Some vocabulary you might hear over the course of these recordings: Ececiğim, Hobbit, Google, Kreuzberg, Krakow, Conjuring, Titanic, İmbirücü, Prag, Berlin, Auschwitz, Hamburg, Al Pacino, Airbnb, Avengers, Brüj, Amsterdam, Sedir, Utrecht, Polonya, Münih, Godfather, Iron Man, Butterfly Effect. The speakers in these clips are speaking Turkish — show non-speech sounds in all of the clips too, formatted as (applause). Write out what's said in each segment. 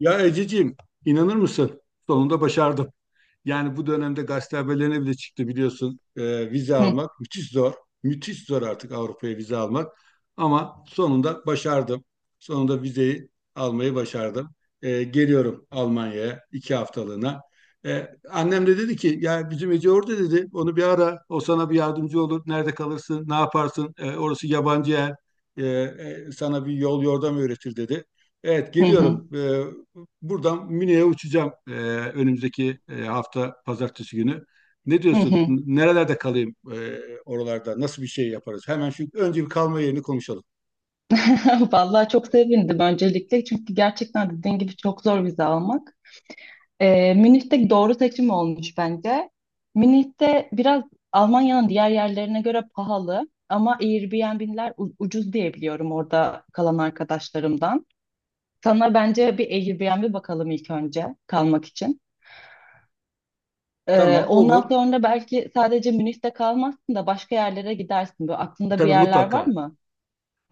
Ya Ececiğim, inanır mısın? Sonunda başardım. Yani bu dönemde gazete haberlerine bile çıktı biliyorsun. Vize Hı almak müthiş zor. Müthiş zor artık Avrupa'ya vize almak. Ama sonunda başardım. Sonunda vizeyi almayı başardım. Geliyorum Almanya'ya 2 haftalığına. Annem de dedi ki ya bizim Ece orada dedi. Onu bir ara. O sana bir yardımcı olur. Nerede kalırsın? Ne yaparsın? Orası yabancı yer. Sana bir yol yordam öğretir dedi. Evet hı hı geliyorum. Buradan Münih'e uçacağım önümüzdeki hafta pazartesi günü. Ne hı. diyorsun? Hı. Nerelerde kalayım oralarda? Nasıl bir şey yaparız? Hemen şu önce bir kalma yerini konuşalım. (laughs) Vallahi çok sevindim öncelikle çünkü gerçekten dediğin gibi çok zor vize almak. Münih'te doğru seçim olmuş bence. Münih'te biraz Almanya'nın diğer yerlerine göre pahalı ama Airbnb'ler ucuz diye biliyorum orada kalan arkadaşlarımdan. Sana bence bir Airbnb bakalım ilk önce kalmak için. Ee, Tamam ondan olur. sonra belki sadece Münih'te kalmazsın da başka yerlere gidersin. Böyle aklında bir Tabii yerler var mutlaka. mı?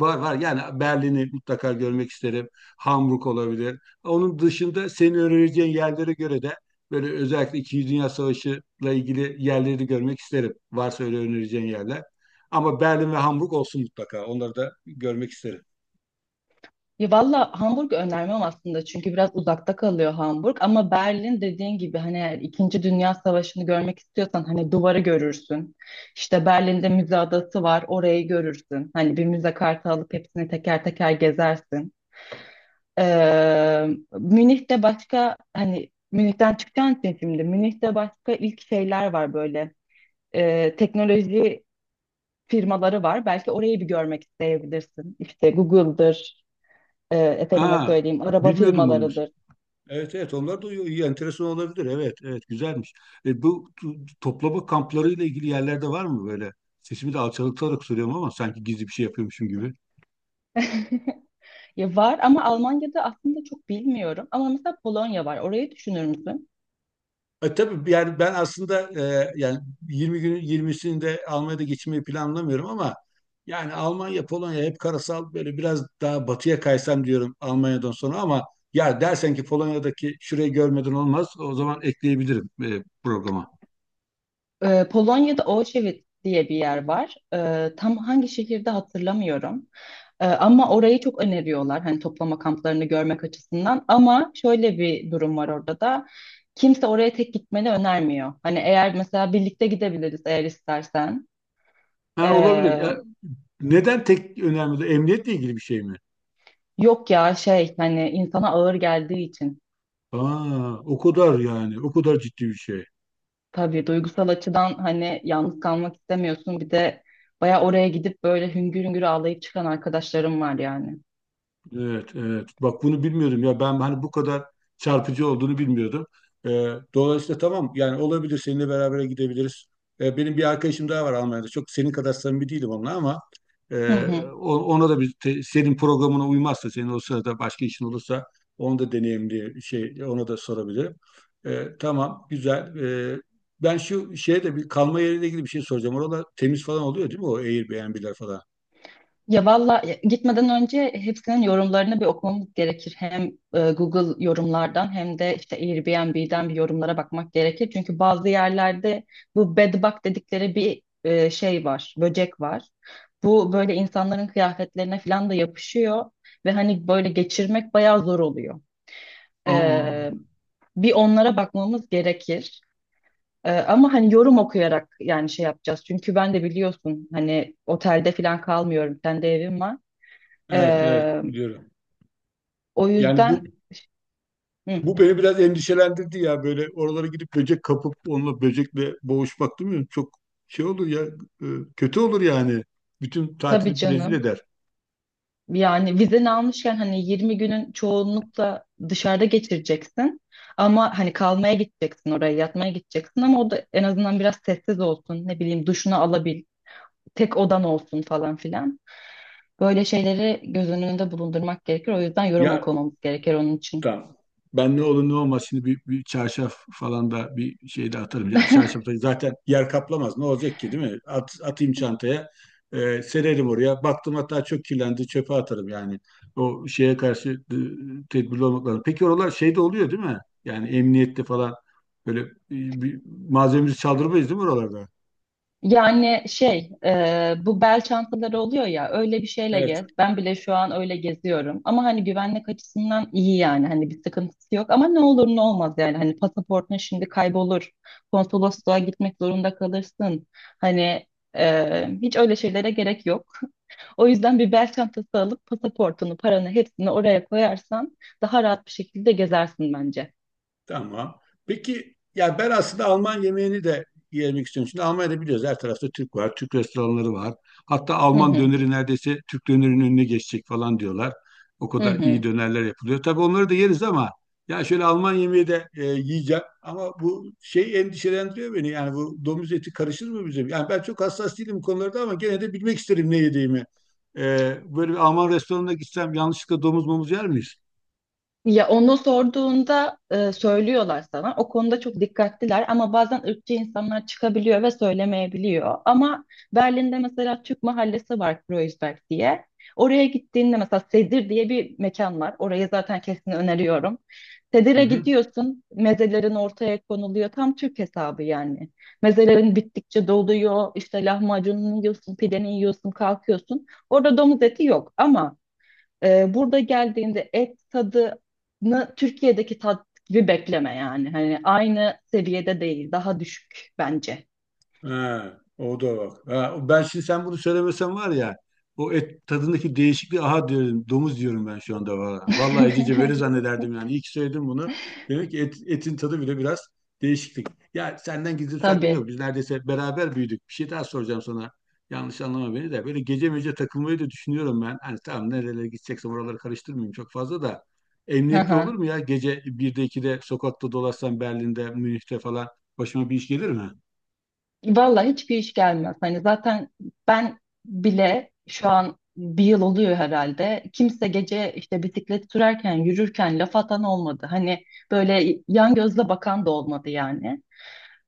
Var var yani Berlin'i mutlaka görmek isterim. Hamburg olabilir. Onun dışında senin önereceğin yerlere göre de böyle özellikle İkinci Dünya Savaşı'la ilgili yerleri de görmek isterim. Varsa öyle önereceğin yerler. Ama Berlin ve Hamburg olsun mutlaka. Onları da görmek isterim. Ya valla Hamburg önermem aslında çünkü biraz uzakta kalıyor Hamburg ama Berlin dediğin gibi hani eğer İkinci Dünya Savaşı'nı görmek istiyorsan hani duvarı görürsün. İşte Berlin'de müze adası var orayı görürsün. Hani bir müze kartı alıp hepsini teker teker gezersin. Ee, Münih'te başka hani Münih'ten çıkacaksın sen, şimdi Münih'te başka ilk şeyler var böyle. Teknoloji firmaları var. Belki orayı bir görmek isteyebilirsin. İşte Google'dır, efendime Ha, söyleyeyim, araba bilmiyordum bunu. Musa. firmalarıdır. Evet evet onlar da iyi, iyi, enteresan olabilir. Evet evet güzelmiş. Bu toplama kamplarıyla ilgili yerlerde var mı böyle? Sesimi de alçaltarak soruyorum ama sanki gizli bir şey yapıyormuşum gibi. (laughs) Ya var ama Almanya'da aslında çok bilmiyorum. Ama mesela Polonya var. Orayı düşünür müsün? Tabii yani ben aslında yani 20 günün 20'sini de Almanya'da geçirmeyi planlamıyorum ama yani Almanya, Polonya hep karasal böyle biraz daha batıya kaysam diyorum Almanya'dan sonra ama ya dersen ki Polonya'daki şurayı görmeden olmaz o zaman ekleyebilirim programa. Polonya'da Auschwitz diye bir yer var. Tam hangi şehirde hatırlamıyorum. Ama orayı çok öneriyorlar. Hani toplama kamplarını görmek açısından. Ama şöyle bir durum var orada da. Kimse oraya tek gitmeni önermiyor. Hani eğer mesela birlikte gidebiliriz eğer istersen. Ha, Ee, olabilir. Neden tek önemli? Emniyetle ilgili bir şey mi? yok ya, şey, hani insana ağır geldiği için. Aa, o kadar yani. O kadar ciddi bir şey. Tabii duygusal açıdan hani yalnız kalmak istemiyorsun. Bir de baya oraya gidip böyle hüngür hüngür ağlayıp çıkan arkadaşlarım var yani. Evet, evet. Bak bunu bilmiyordum ya. Ben hani bu kadar çarpıcı olduğunu bilmiyordum. Dolayısıyla tamam yani olabilir seninle beraber gidebiliriz. Benim bir arkadaşım daha var Almanya'da. Çok senin kadar samimi değilim onunla ama Hı e, hı. Ona da senin programına uymazsa senin o sırada başka işin olursa onu da deneyimli şey ona da sorabilirim. Tamam güzel. Ben şu şeye de bir kalma yeriyle ilgili bir şey soracağım. Oralar temiz falan oluyor değil mi o Airbnb'ler falan? Ya valla, gitmeden önce hepsinin yorumlarını bir okumamız gerekir. Hem Google yorumlardan hem de işte Airbnb'den bir yorumlara bakmak gerekir. Çünkü bazı yerlerde bu bed bug dedikleri bir şey var, böcek var. Bu böyle insanların kıyafetlerine falan da yapışıyor ve hani böyle geçirmek bayağı zor oluyor. Aa. E, bir onlara bakmamız gerekir. Ama hani yorum okuyarak yani şey yapacağız. Çünkü ben de biliyorsun hani otelde falan kalmıyorum. Kendi evim var. Evet, evet Ee, biliyorum. o Yani bu yüzden, hı, bu beni biraz endişelendirdi ya böyle oralara gidip böcek kapıp onunla böcekle boğuşmak değil mi? Çok şey olur ya, e, kötü olur yani. Bütün tabii tatili rezil canım. eder. Yani vizeni almışken hani 20 günün çoğunlukla dışarıda geçireceksin. Ama hani kalmaya gideceksin oraya, yatmaya gideceksin, ama o da en azından biraz sessiz olsun. Ne bileyim, duşunu alabil, tek odan olsun falan filan. Böyle şeyleri göz önünde bulundurmak gerekir. O yüzden yorum Ya okumamız gerekir onun için. tamam. Ben ne olur ne olmaz şimdi bir çarşaf falan da bir şey de atarım. Ya çarşaf da zaten yer kaplamaz. Ne olacak ki değil mi? Atayım çantaya. Sererim oraya. Baktım hatta çok kirlendi. Çöpe atarım yani. O şeye karşı tedbirli olmak lazım. Peki oralar şeyde oluyor değil mi? Yani emniyette falan böyle bir malzememizi çaldırmayız değil mi oralarda? Yani şey, bu bel çantaları oluyor ya, öyle bir şeyle Evet, gez. Ben bile şu an öyle geziyorum. Ama hani güvenlik açısından iyi yani. Hani bir sıkıntısı yok. Ama ne olur ne olmaz yani. Hani pasaportun şimdi kaybolur. Konsolosluğa gitmek zorunda kalırsın. Hani hiç öyle şeylere gerek yok. O yüzden bir bel çantası alıp pasaportunu, paranı hepsini oraya koyarsan daha rahat bir şekilde gezersin bence. tamam. Peki ya ben aslında Alman yemeğini de yemek istiyorum. Şimdi Almanya'da biliyoruz her tarafta Türk var, Türk restoranları var. Hatta Hı Alman hı. döneri neredeyse Türk dönerinin önüne geçecek falan diyorlar. O Hı kadar iyi hı. dönerler yapılıyor. Tabii onları da yeriz ama ya şöyle Alman yemeği de yiyeceğim. Ama bu şey endişelendiriyor beni. Yani bu domuz eti karışır mı bize? Yani ben çok hassas değilim bu konularda ama gene de bilmek isterim ne yediğimi. E, böyle bir Alman restoranına gitsem yanlışlıkla domuz momuz yer miyiz? Ya onu sorduğunda söylüyorlar sana. O konuda çok dikkatliler ama bazen ırkçı insanlar çıkabiliyor ve söylemeyebiliyor. Ama Berlin'de mesela Türk mahallesi var, Kreuzberg diye. Oraya gittiğinde mesela Sedir diye bir mekan var. Orayı zaten kesin öneriyorum. Hı Sedir'e hı. gidiyorsun, mezelerin ortaya konuluyor. Tam Türk hesabı yani. Mezelerin bittikçe doluyor, işte lahmacununu yiyorsun, pideni yiyorsun, kalkıyorsun. Orada domuz eti yok ama burada geldiğinde et tadını Türkiye'deki tat gibi bekleme yani. Hani aynı seviyede değil, daha düşük bence. Ha, o da bak. Ha, ben şimdi sen bunu söylemesen var ya o et tadındaki değişikliği aha diyorum domuz diyorum ben şu anda valla. Vallahi Ececiğim öyle (laughs) zannederdim yani. İyi ki söyledim bunu. Demek ki etin tadı bile biraz değişiklik. Ya senden gizli saklı yok. Tabii. Biz neredeyse beraber büyüdük. Bir şey daha soracağım sana. Yanlış anlama beni de. Böyle gece mece takılmayı da düşünüyorum ben. Hani tamam nerelere gideceksem oraları karıştırmayayım çok fazla da. Hı Emniyetli olur hı. mu ya? Gece 1'de 2'de sokakta dolaşsam Berlin'de, Münih'te falan başıma bir iş gelir mi? Vallahi hiçbir iş gelmez. Hani zaten ben bile şu an bir yıl oluyor herhalde. Kimse gece işte bisiklet sürerken, yürürken laf atan olmadı. Hani böyle yan gözle bakan da olmadı yani.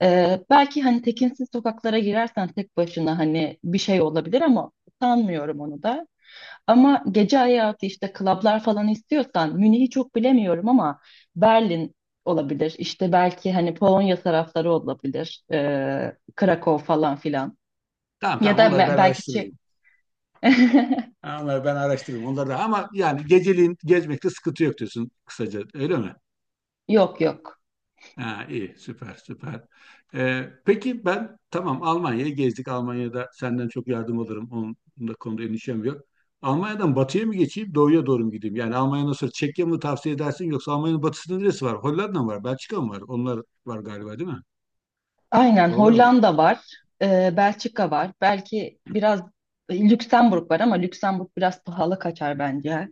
Belki hani tekinsiz sokaklara girersen tek başına hani bir şey olabilir ama sanmıyorum onu da. Ama gece hayatı, işte klablar falan istiyorsan, Münih'i çok bilemiyorum ama Berlin olabilir. İşte belki hani Polonya tarafları olabilir. Krakow falan filan. Tamam Ya tamam da onları ben belki araştırırım. (laughs) Ha, onları ben araştırırım. Onları da ama yani geceliğin gezmekte sıkıntı yok diyorsun kısaca öyle mi? Yok yok. Ha, iyi süper süper. Peki ben tamam Almanya'yı gezdik. Almanya'da senden çok yardım alırım. Onun da konuda endişem yok. Almanya'dan batıya mı geçeyim, doğuya doğru mu gideyim? Yani Almanya'dan sonra Çekya mı tavsiye edersin yoksa Almanya'nın batısında neresi var? Hollanda mı var? Belçika mı var? Onlar var galiba değil mi? Aynen, Oralara mı geç? Hollanda var. Belçika var. Belki biraz Lüksemburg var ama Lüksemburg biraz pahalı kaçar bence.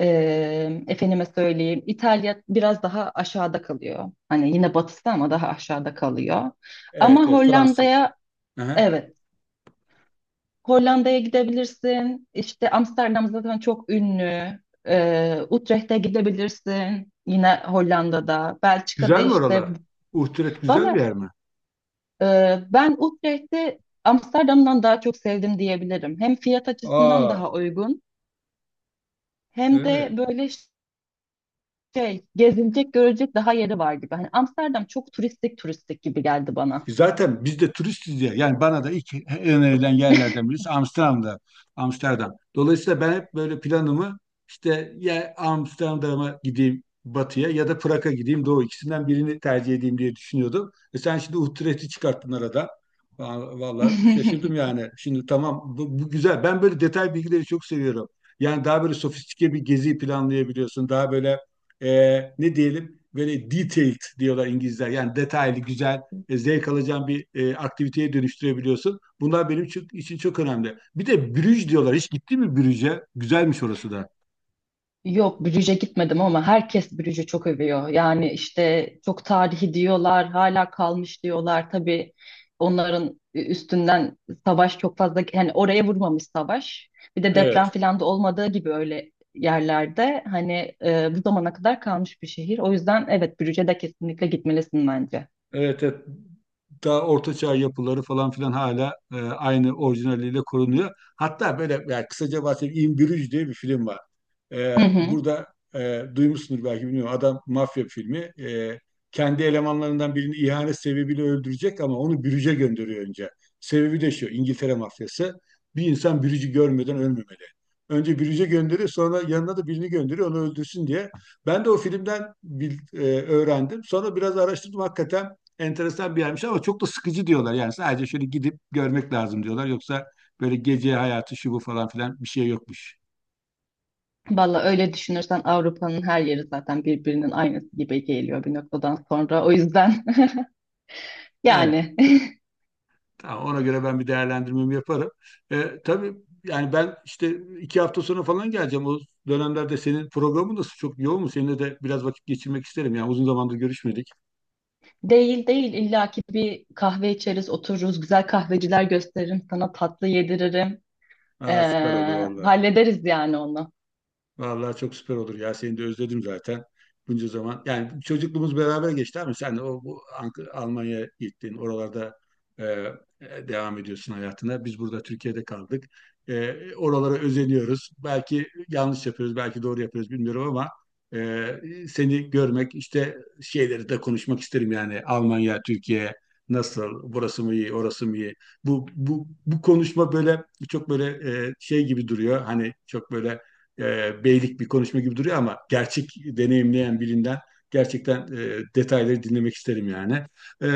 Efendime söyleyeyim, İtalya biraz daha aşağıda kalıyor. Hani yine batısı ama daha aşağıda kalıyor. Ama Evet, evet Fransız. Hollanda'ya, Aha. evet, Hollanda'ya gidebilirsin. İşte Amsterdam zaten çok ünlü. Utrecht'e gidebilirsin. Yine Hollanda'da. Belçika'da Güzel mi işte. oralar? Uhturet güzel bir Valla, yer mi? e, ben Utrecht'i Amsterdam'dan daha çok sevdim diyebilirim. Hem fiyat açısından Aa, daha uygun hem de evet. böyle şey, gezilecek görecek daha yeri var gibi. Hani Amsterdam çok turistik turistik gibi geldi bana. Zaten biz de turistiz ya. Yani bana da ilk önerilen yerlerden birisi Amsterdam'da. Amsterdam. Dolayısıyla ben hep böyle planımı işte ya Amsterdam'a gideyim batıya ya da Prag'a gideyim doğu ikisinden birini tercih edeyim diye düşünüyordum. E sen şimdi Utrecht'i çıkarttın arada. Vallahi şaşırdım (laughs) yani. Şimdi tamam bu güzel. Ben böyle detay bilgileri çok seviyorum. Yani daha böyle sofistike bir gezi planlayabiliyorsun. Daha böyle ne diyelim böyle detailed diyorlar İngilizler. Yani detaylı, güzel zevk alacağın bir aktiviteye dönüştürebiliyorsun. Bunlar benim için çok önemli. Bir de Brüj diyorlar. Hiç gitti mi Brüj'e? Güzelmiş orası da. Yok, Brüj'e gitmedim ama herkes Brüj'ü çok övüyor. Yani işte çok tarihi diyorlar, hala kalmış diyorlar. Tabii onların üstünden savaş çok fazla yani oraya vurmamış savaş. Bir de deprem Evet. falan da olmadığı gibi öyle yerlerde hani bu zamana kadar kalmış bir şehir. O yüzden evet, Brüj'e de kesinlikle gitmelisin bence. Evet, evet. Daha ortaçağ yapıları falan filan hala aynı orijinaliyle korunuyor. Hatta böyle yani kısaca bahsedeyim. İmbirücü diye bir film var. Hı hı. Burada duymuşsunuz belki bilmiyorum. Adam mafya filmi. Kendi elemanlarından birini ihanet sebebiyle öldürecek ama onu bürüce gönderiyor önce. Sebebi de şu. İngiltere mafyası. Bir insan bürücü görmeden ölmemeli. Önce bürüce gönderiyor sonra yanına da birini gönderiyor onu öldürsün diye. Ben de o filmden öğrendim. Sonra biraz araştırdım hakikaten enteresan bir yermiş ama çok da sıkıcı diyorlar. Yani sadece şöyle gidip görmek lazım diyorlar. Yoksa böyle gece hayatı şu bu falan filan bir şey yokmuş. Valla öyle düşünürsen Avrupa'nın her yeri zaten birbirinin aynısı gibi geliyor bir noktadan sonra. O yüzden (laughs) Evet, yani. tamam. Ona göre ben bir değerlendirmemi yaparım. Tabii yani ben işte 2 hafta sonra falan geleceğim. O dönemlerde senin programın nasıl çok yoğun mu? Seninle de biraz vakit geçirmek isterim. Yani uzun zamandır görüşmedik. (laughs) Değil değil, illaki bir kahve içeriz, otururuz, güzel kahveciler gösteririm sana, tatlı yediririm. Ee, Aa, süper olur vallahi. hallederiz yani onu. Vallahi çok süper olur ya. Seni de özledim zaten. Bunca zaman. Yani çocukluğumuz beraber geçti ama sen de o bu Almanya'ya gittin. Oralarda e, devam ediyorsun hayatına. Biz burada Türkiye'de kaldık. Oralara özeniyoruz. Belki yanlış yapıyoruz, belki doğru yapıyoruz bilmiyorum ama e, seni görmek, işte şeyleri de konuşmak isterim yani. Almanya, Türkiye nasıl? Burası mı iyi, orası mı iyi? Bu konuşma böyle çok böyle şey gibi duruyor. Hani çok böyle beylik bir konuşma gibi duruyor ama gerçek deneyimleyen birinden gerçekten detayları dinlemek isterim yani. E,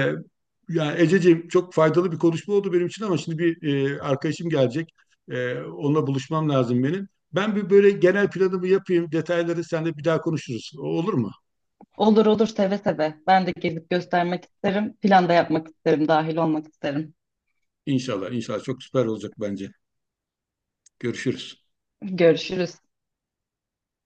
yani Ececiğim çok faydalı bir konuşma oldu benim için ama şimdi bir arkadaşım gelecek. Onunla buluşmam lazım benim. Ben bir böyle genel planımı yapayım. Detayları seninle bir daha konuşuruz. O olur mu? Olur olur, seve seve. Ben de gezip göstermek isterim. Plan da yapmak isterim, dahil olmak isterim. İnşallah, inşallah çok süper olacak bence. Görüşürüz. Görüşürüz.